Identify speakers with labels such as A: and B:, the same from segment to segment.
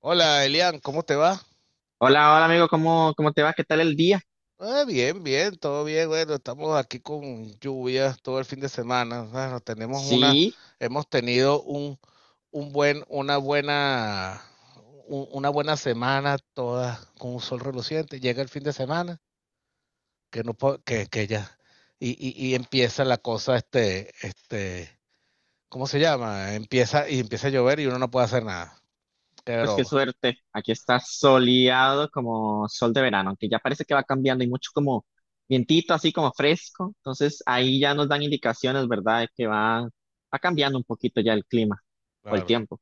A: Hola Elian, ¿cómo te va?
B: Hola, hola amigo, ¿cómo te va? ¿Qué tal el día?
A: Ah, bien, bien, todo bien. Bueno, estamos aquí con lluvias todo el fin de semana. Bueno,
B: Sí,
A: hemos tenido un buen, una buena, un- una buena semana toda con un sol reluciente. Llega el fin de semana, que no po- que ya, y empieza la cosa, ¿cómo se llama? Y empieza a llover y uno no puede hacer nada. Qué
B: pues qué
A: broma,
B: suerte. Aquí está soleado como sol de verano, aunque ya parece que va cambiando y mucho como vientito, así como fresco. Entonces ahí ya nos dan indicaciones, ¿verdad? De que va cambiando un poquito ya el clima o el
A: claro.
B: tiempo.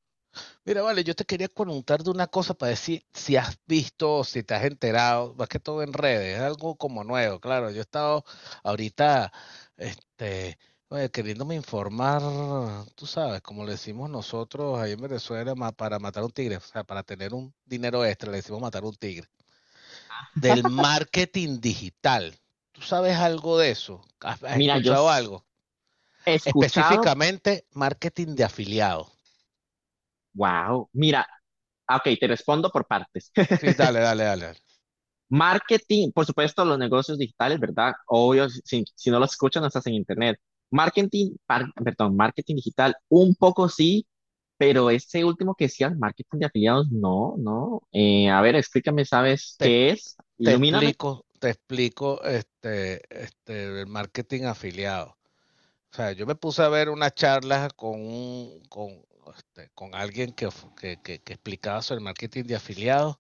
A: Mira, vale, yo te quería preguntar de una cosa para decir si has visto, si te has enterado, más que todo en redes, es algo como nuevo, claro. Yo he estado ahorita, este, oye, queriéndome informar, tú sabes, como le decimos nosotros ahí en Venezuela, para matar un tigre, o sea, para tener un dinero extra, le decimos matar un tigre, del marketing digital. ¿Tú sabes algo de eso? ¿Has, has
B: Mira,
A: escuchado algo?
B: he escuchado,
A: Específicamente, marketing de afiliados.
B: wow, mira, ok, te respondo por partes.
A: Sí, dale, dale, dale.
B: Marketing, por supuesto, los negocios digitales, ¿verdad? Obvio, si no los escuchan, no estás en internet. Marketing, perdón, marketing digital, un poco sí, pero ese último que decías, marketing de afiliados, no. A ver, explícame, ¿sabes
A: Dale.
B: qué es?
A: Te
B: Ilumíname.
A: explico, te explico el marketing afiliado. O sea, yo me puse a ver una charla con, un, con, este, con alguien que explicaba sobre el marketing de afiliados,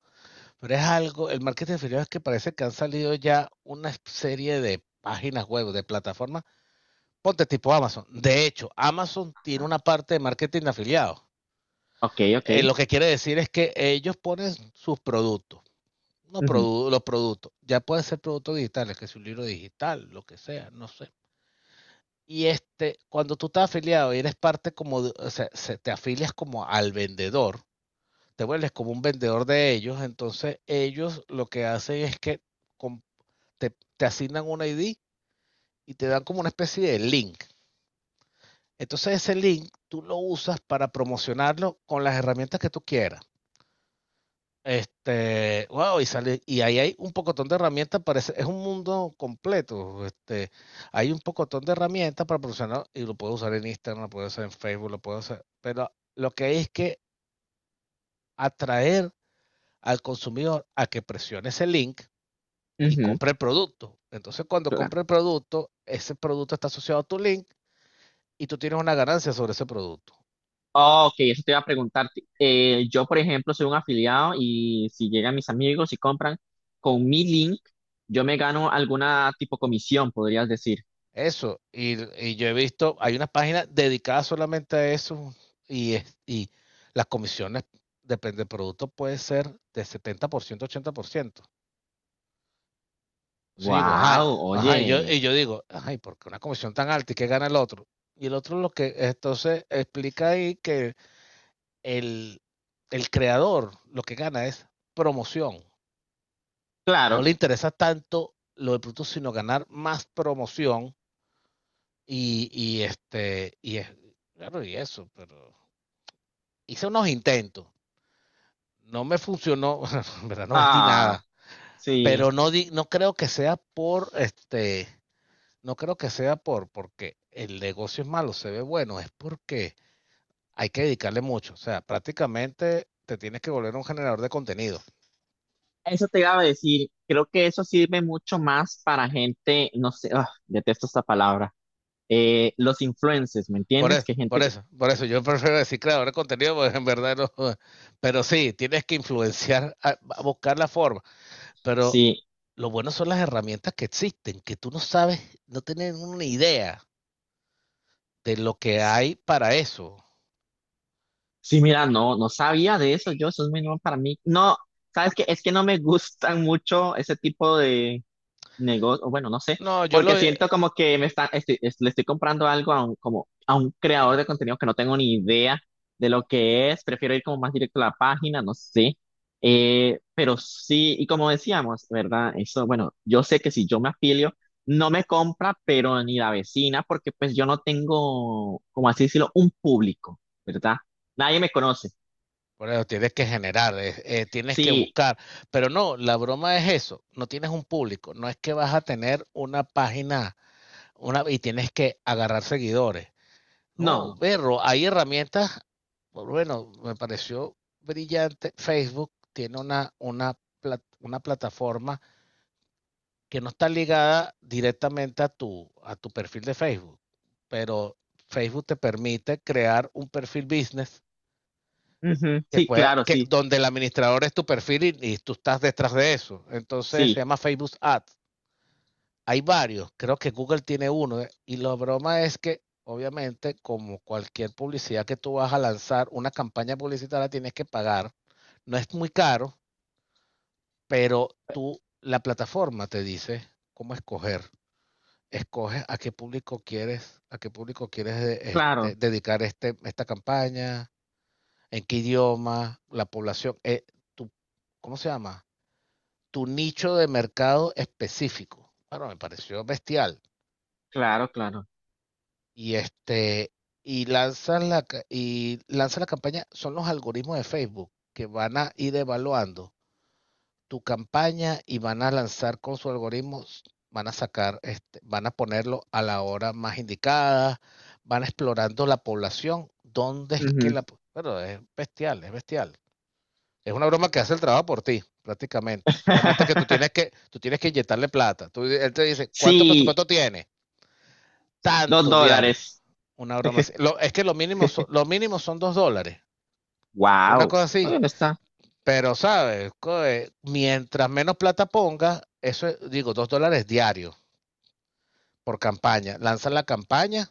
A: pero es algo, el marketing de afiliados es que parece que han salido ya una serie de páginas web, de plataformas, ponte tipo Amazon. De hecho, Amazon tiene
B: Ajá.
A: una parte de marketing de afiliados.
B: Ok, ok.
A: Lo que quiere decir es que ellos ponen sus productos no,
B: Ujú,
A: los productos. Ya pueden ser productos digitales, que es un libro digital, lo que sea, no sé. Y este, cuando tú estás afiliado y eres parte como, o sea, te afilias como al vendedor, te vuelves como un vendedor de ellos, entonces ellos lo que hacen es que com- te, te asignan un ID y te dan como una especie de link. Entonces ese link tú lo usas para promocionarlo con las herramientas que tú quieras. Wow, y sale, y ahí hay un pocotón de herramientas, parece, es un mundo completo. Hay un pocotón de herramientas para profesional, y lo puedo usar en Instagram, lo puedo usar en Facebook, lo puedo hacer, pero lo que hay es que atraer al consumidor a que presione ese link y
B: ujú,
A: compre el producto. Entonces, cuando compre
B: claro.
A: el producto, ese producto está asociado a tu link y tú tienes una ganancia sobre ese producto.
B: Ok, eso te iba a preguntar. Yo, por ejemplo, soy un afiliado y si llegan mis amigos y compran con mi link, yo me gano alguna tipo comisión, podrías decir.
A: Eso, y yo he visto, hay unas páginas dedicadas solamente a eso y las comisiones, depende del producto, puede ser de 70%, 80%. Entonces yo digo,
B: Wow,
A: ay, ajá, y yo,
B: oye,
A: y yo digo, ay, ¿por qué una comisión tan alta y qué gana el otro? Y el otro lo que, entonces explica ahí que el, el creador lo que gana es promoción. No
B: claro.
A: le interesa tanto lo del producto, sino ganar más promoción. Y es, claro, y eso, pero hice unos intentos. No me funcionó, en verdad no vendí
B: Ah,
A: nada.
B: sí.
A: Pero no, no creo que sea por este, no creo que sea porque el negocio es malo, se ve bueno, es porque hay que dedicarle mucho. O sea, prácticamente te tienes que volver un generador de contenido.
B: Eso te iba a decir. Creo que eso sirve mucho más para gente, no sé, ah, detesto esta palabra. Los influencers, ¿me
A: Por
B: entiendes?
A: eso,
B: Que
A: por
B: gente que
A: eso, por eso yo prefiero decir creador de contenido, porque en verdad no. Pero sí, tienes que influenciar, a buscar la forma. Pero
B: sí,
A: lo bueno son las herramientas que existen, que tú no sabes, no tienes una idea de lo que hay para eso.
B: sí, mira, no sabía de eso. Yo, eso es muy nuevo para mí. No, ¿sabes qué? Es que no me gustan mucho ese tipo negocio, bueno, no sé,
A: No, yo lo...
B: porque siento como que me le estoy comprando algo a un, como a un creador de contenido que no tengo ni idea de lo que es, prefiero ir como más directo a la página, no sé. Pero sí, y como decíamos, ¿verdad? Eso, bueno, yo sé que si yo me afilio, no me compra, pero ni la vecina, porque pues yo no tengo, como así decirlo, un público, ¿verdad? Nadie me conoce.
A: Bueno, tienes que generar, tienes que
B: Sí,
A: buscar, pero no, la broma es eso, no tienes un público, no es que vas a tener una página una, y tienes que agarrar seguidores.
B: no,
A: No,
B: no.
A: berro, hay herramientas, bueno, me pareció brillante, Facebook tiene una plataforma que no está ligada directamente a a tu perfil de Facebook, pero Facebook te permite crear un perfil business
B: Ujú,
A: que
B: sí,
A: pueda,
B: claro,
A: que,
B: sí,
A: donde el administrador es tu perfil y tú estás detrás de eso. Entonces se
B: sí,
A: llama Facebook Ads. Hay varios, creo que Google tiene uno, ¿eh? Y la broma es que obviamente como cualquier publicidad que tú vas a lanzar, una campaña publicitaria tienes que pagar. No es muy caro, pero tú, la plataforma te dice cómo escoger escoges a qué público quieres, a qué público quieres
B: claro,
A: dedicar esta campaña, en qué idioma, la población, tu, ¿cómo se llama? Tu nicho de mercado específico. Bueno, me pareció bestial.
B: claro, claro.
A: Y este, y lanzas la campaña, son los algoritmos de Facebook que van a ir evaluando tu campaña y van a lanzar con su algoritmo, van a sacar, van a ponerlo a la hora más indicada, van explorando la población, dónde es que
B: Ujú.
A: la... Pero es bestial, es bestial. Es una broma que hace el trabajo por ti, prácticamente. Solamente que tú tienes que, tú tienes que inyectarle plata. Tú, él te dice, ¿cuánto
B: Sí,
A: presupuesto tiene?
B: dos
A: Tanto diario.
B: dólares.
A: Una broma así. Es que lo mínimo son dos dólares. Una
B: Wow.
A: cosa así.
B: Bueno, está.
A: Pero, ¿sabes? Coe, mientras menos plata pongas, eso es, digo, dos dólares diarios por campaña. Lanzan la campaña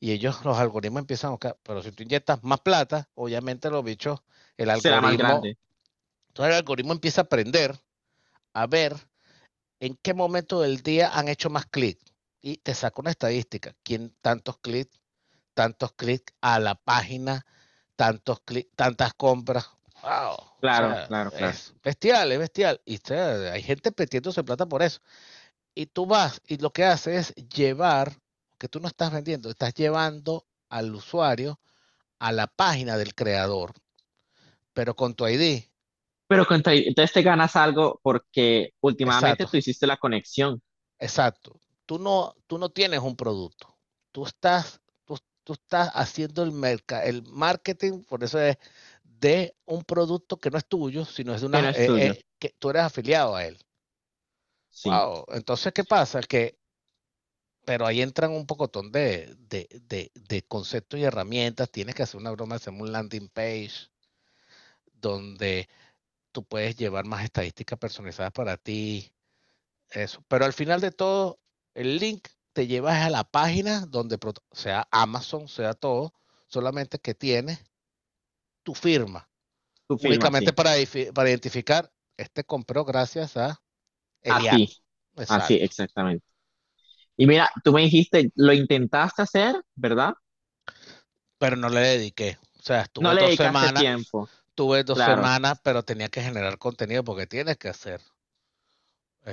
A: y ellos, los algoritmos empiezan a buscar. Pero si tú inyectas más plata, obviamente los bichos, el
B: Será más
A: algoritmo,
B: grande.
A: todo el algoritmo empieza a aprender a ver en qué momento del día han hecho más clics. Y te saca una estadística. ¿Quién tantos clics? Tantos clics a la página, tantos tantas compras. Wow. O
B: Claro,
A: sea,
B: claro, claro.
A: es bestial, es bestial. Y o sea, hay gente metiéndose plata por eso. Y tú vas y lo que haces es llevar, que tú no estás vendiendo, estás llevando al usuario a la página del creador, pero con tu ID.
B: Pero contra, entonces te ganas algo porque últimamente
A: Exacto.
B: tú hiciste la conexión,
A: Exacto. Tú no tienes un producto. Tú estás, tú, tú estás haciendo el marketing, por eso es de un producto que no es tuyo, sino es de
B: que
A: una,
B: no es tuyo.
A: que tú eres afiliado a él.
B: Sí,
A: Wow. Entonces, ¿qué pasa? Que, pero ahí entran un pocotón de conceptos y herramientas. Tienes que hacer una broma, hacer un landing page donde tú puedes llevar más estadísticas personalizadas para ti. Eso. Pero al final de todo, el link te lleva a la página donde sea Amazon, sea todo, solamente que tienes tu firma,
B: tu firma,
A: únicamente
B: sí.
A: para, identificar, este compró gracias a
B: A
A: Elian.
B: ti. Así,
A: Exacto.
B: exactamente. Y mira, tú me dijiste, lo intentaste hacer, ¿verdad?
A: Pero no le dediqué. O sea,
B: No le dedicaste tiempo,
A: tuve dos
B: claro.
A: semanas, pero tenía que generar contenido porque tienes que hacer.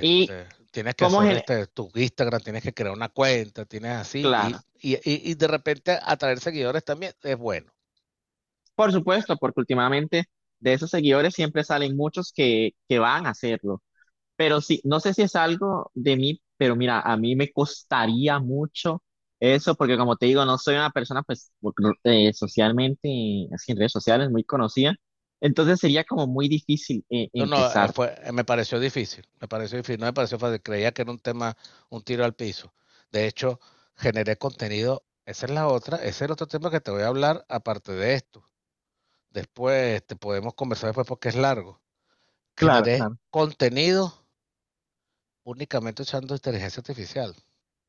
B: Y
A: Tienes que
B: cómo
A: hacer
B: gen-
A: tu Instagram, tienes que crear una cuenta, tienes así, y,
B: claro,
A: y- y de repente atraer seguidores también es bueno.
B: por supuesto, porque últimamente de esos seguidores siempre salen muchos que van a hacerlo. Pero sí, no sé si es algo de mí, pero mira, a mí me costaría mucho eso, porque como te digo, no soy una persona, pues, socialmente, así en redes sociales, muy conocida. Entonces sería como muy difícil
A: No, no,
B: empezar.
A: fue, me pareció difícil, no me pareció fácil, creía que era un tema, un tiro al piso. De hecho, generé contenido, esa es la otra, ese es el otro tema que te voy a hablar aparte de esto. Después te podemos conversar después porque es largo.
B: Claro,
A: Generé
B: claro.
A: contenido únicamente usando inteligencia artificial.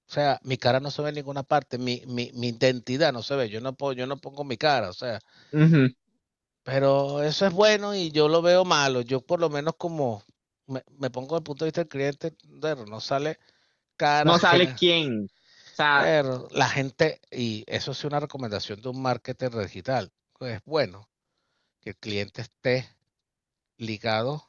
A: O sea, mi cara no se ve en ninguna parte, mi identidad no se ve, yo no puedo, yo no pongo mi cara, o sea,
B: Ujú.
A: pero eso es bueno y yo lo veo malo. Yo por lo menos como me pongo desde el punto de vista del cliente, pero no sale cara
B: No sale
A: ajena.
B: quién. O sea,
A: Pero la gente, y eso es una recomendación de un marketer digital, pues es bueno que el cliente esté ligado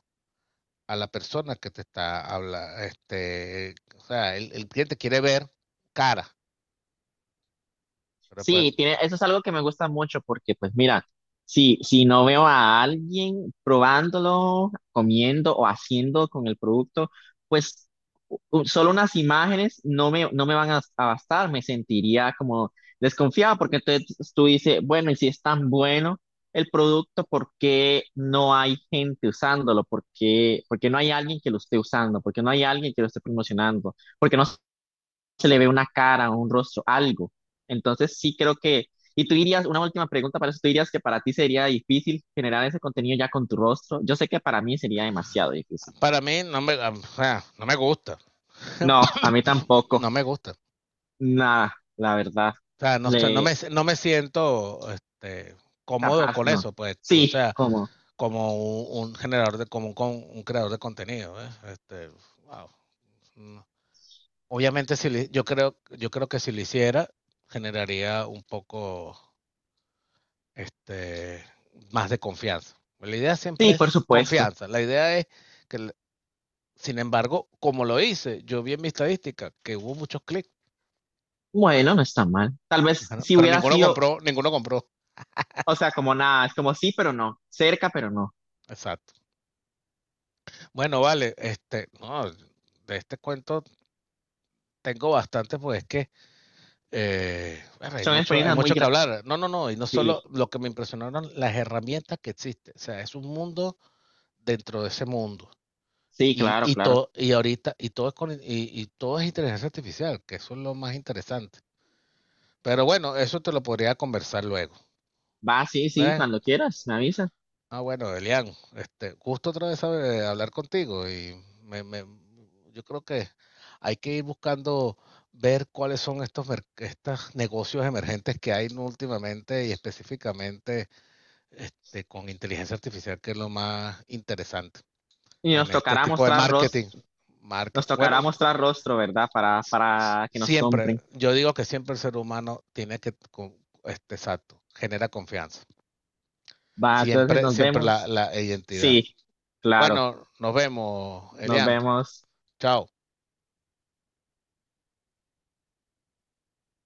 A: a la persona que te está hablando. Este, o sea, el cliente quiere ver cara, pero pues
B: sí, tiene, eso es algo que me gusta mucho porque, pues mira, si, si no veo a alguien probándolo, comiendo o haciendo con el producto, pues solo unas imágenes no me, no me van a bastar, me sentiría como desconfiado porque entonces tú dices, bueno, y si es tan bueno el producto, ¿por qué no hay gente usándolo? Por qué no hay alguien que lo esté usando? ¿Por qué no hay alguien que lo esté promocionando? Porque no se le ve una cara, un rostro, algo. Entonces sí creo que, y tú dirías, una última pregunta para eso, tú dirías que para ti sería difícil generar ese contenido ya con tu rostro. Yo sé que para mí sería demasiado difícil.
A: para mí no me, o sea, no me gusta.
B: No, a mí tampoco.
A: No me gusta.
B: Nada, la verdad.
A: O sea, no, no,
B: Le,
A: me, no me siento este, cómodo
B: capaz,
A: con
B: no.
A: eso, pues, o
B: Sí,
A: sea,
B: como,
A: como un, como un, un creador de contenido, ¿ves? Este, wow, no. Obviamente, si le- yo creo que si lo hiciera, generaría un poco, este, más de confianza. La idea siempre
B: sí,
A: es
B: por supuesto.
A: confianza. La idea es que, sin embargo, como lo hice, yo vi en mi estadística que hubo muchos clics,
B: Bueno, no está mal. Tal vez
A: ajá,
B: si
A: pero
B: hubiera
A: ninguno
B: sido,
A: compró, ninguno compró.
B: o sea, como nada, es como sí, pero no, cerca, pero no.
A: Exacto. Bueno, vale, no, de este cuento tengo bastante, pues es que bueno,
B: Son
A: hay
B: experiencias muy
A: mucho que
B: grandes.
A: hablar. No, no, no, y no
B: Sí,
A: solo lo que me impresionaron, las herramientas que existen. O sea, es un mundo dentro de ese mundo.
B: sí,
A: Y,
B: claro,
A: y
B: claro.
A: todo, y ahorita, y todo es con, y todo es inteligencia artificial, que eso es lo más interesante. Pero bueno, eso te lo podría conversar luego.
B: Va, sí, sí,
A: ¿Eh?
B: cuando quieras, me avisas.
A: Ah, bueno, Elian, gusto otra vez hablar contigo y me, me- yo creo que hay que ir buscando ver cuáles son estos, estos negocios emergentes que hay últimamente y específicamente con inteligencia artificial, que es lo más interesante
B: Y
A: en
B: nos
A: este
B: tocará
A: tipo de
B: mostrar
A: marketing.
B: rostro, nos
A: Marketing. Bueno,
B: tocará mostrar rostro, ¿verdad? Para que nos
A: siempre,
B: compren.
A: yo digo que siempre el ser humano tiene que, exacto, genera confianza.
B: Va, entonces
A: Siempre,
B: nos
A: siempre
B: vemos.
A: la identidad.
B: Sí, claro,
A: Bueno, nos vemos,
B: nos
A: Elian.
B: vemos.
A: Chao.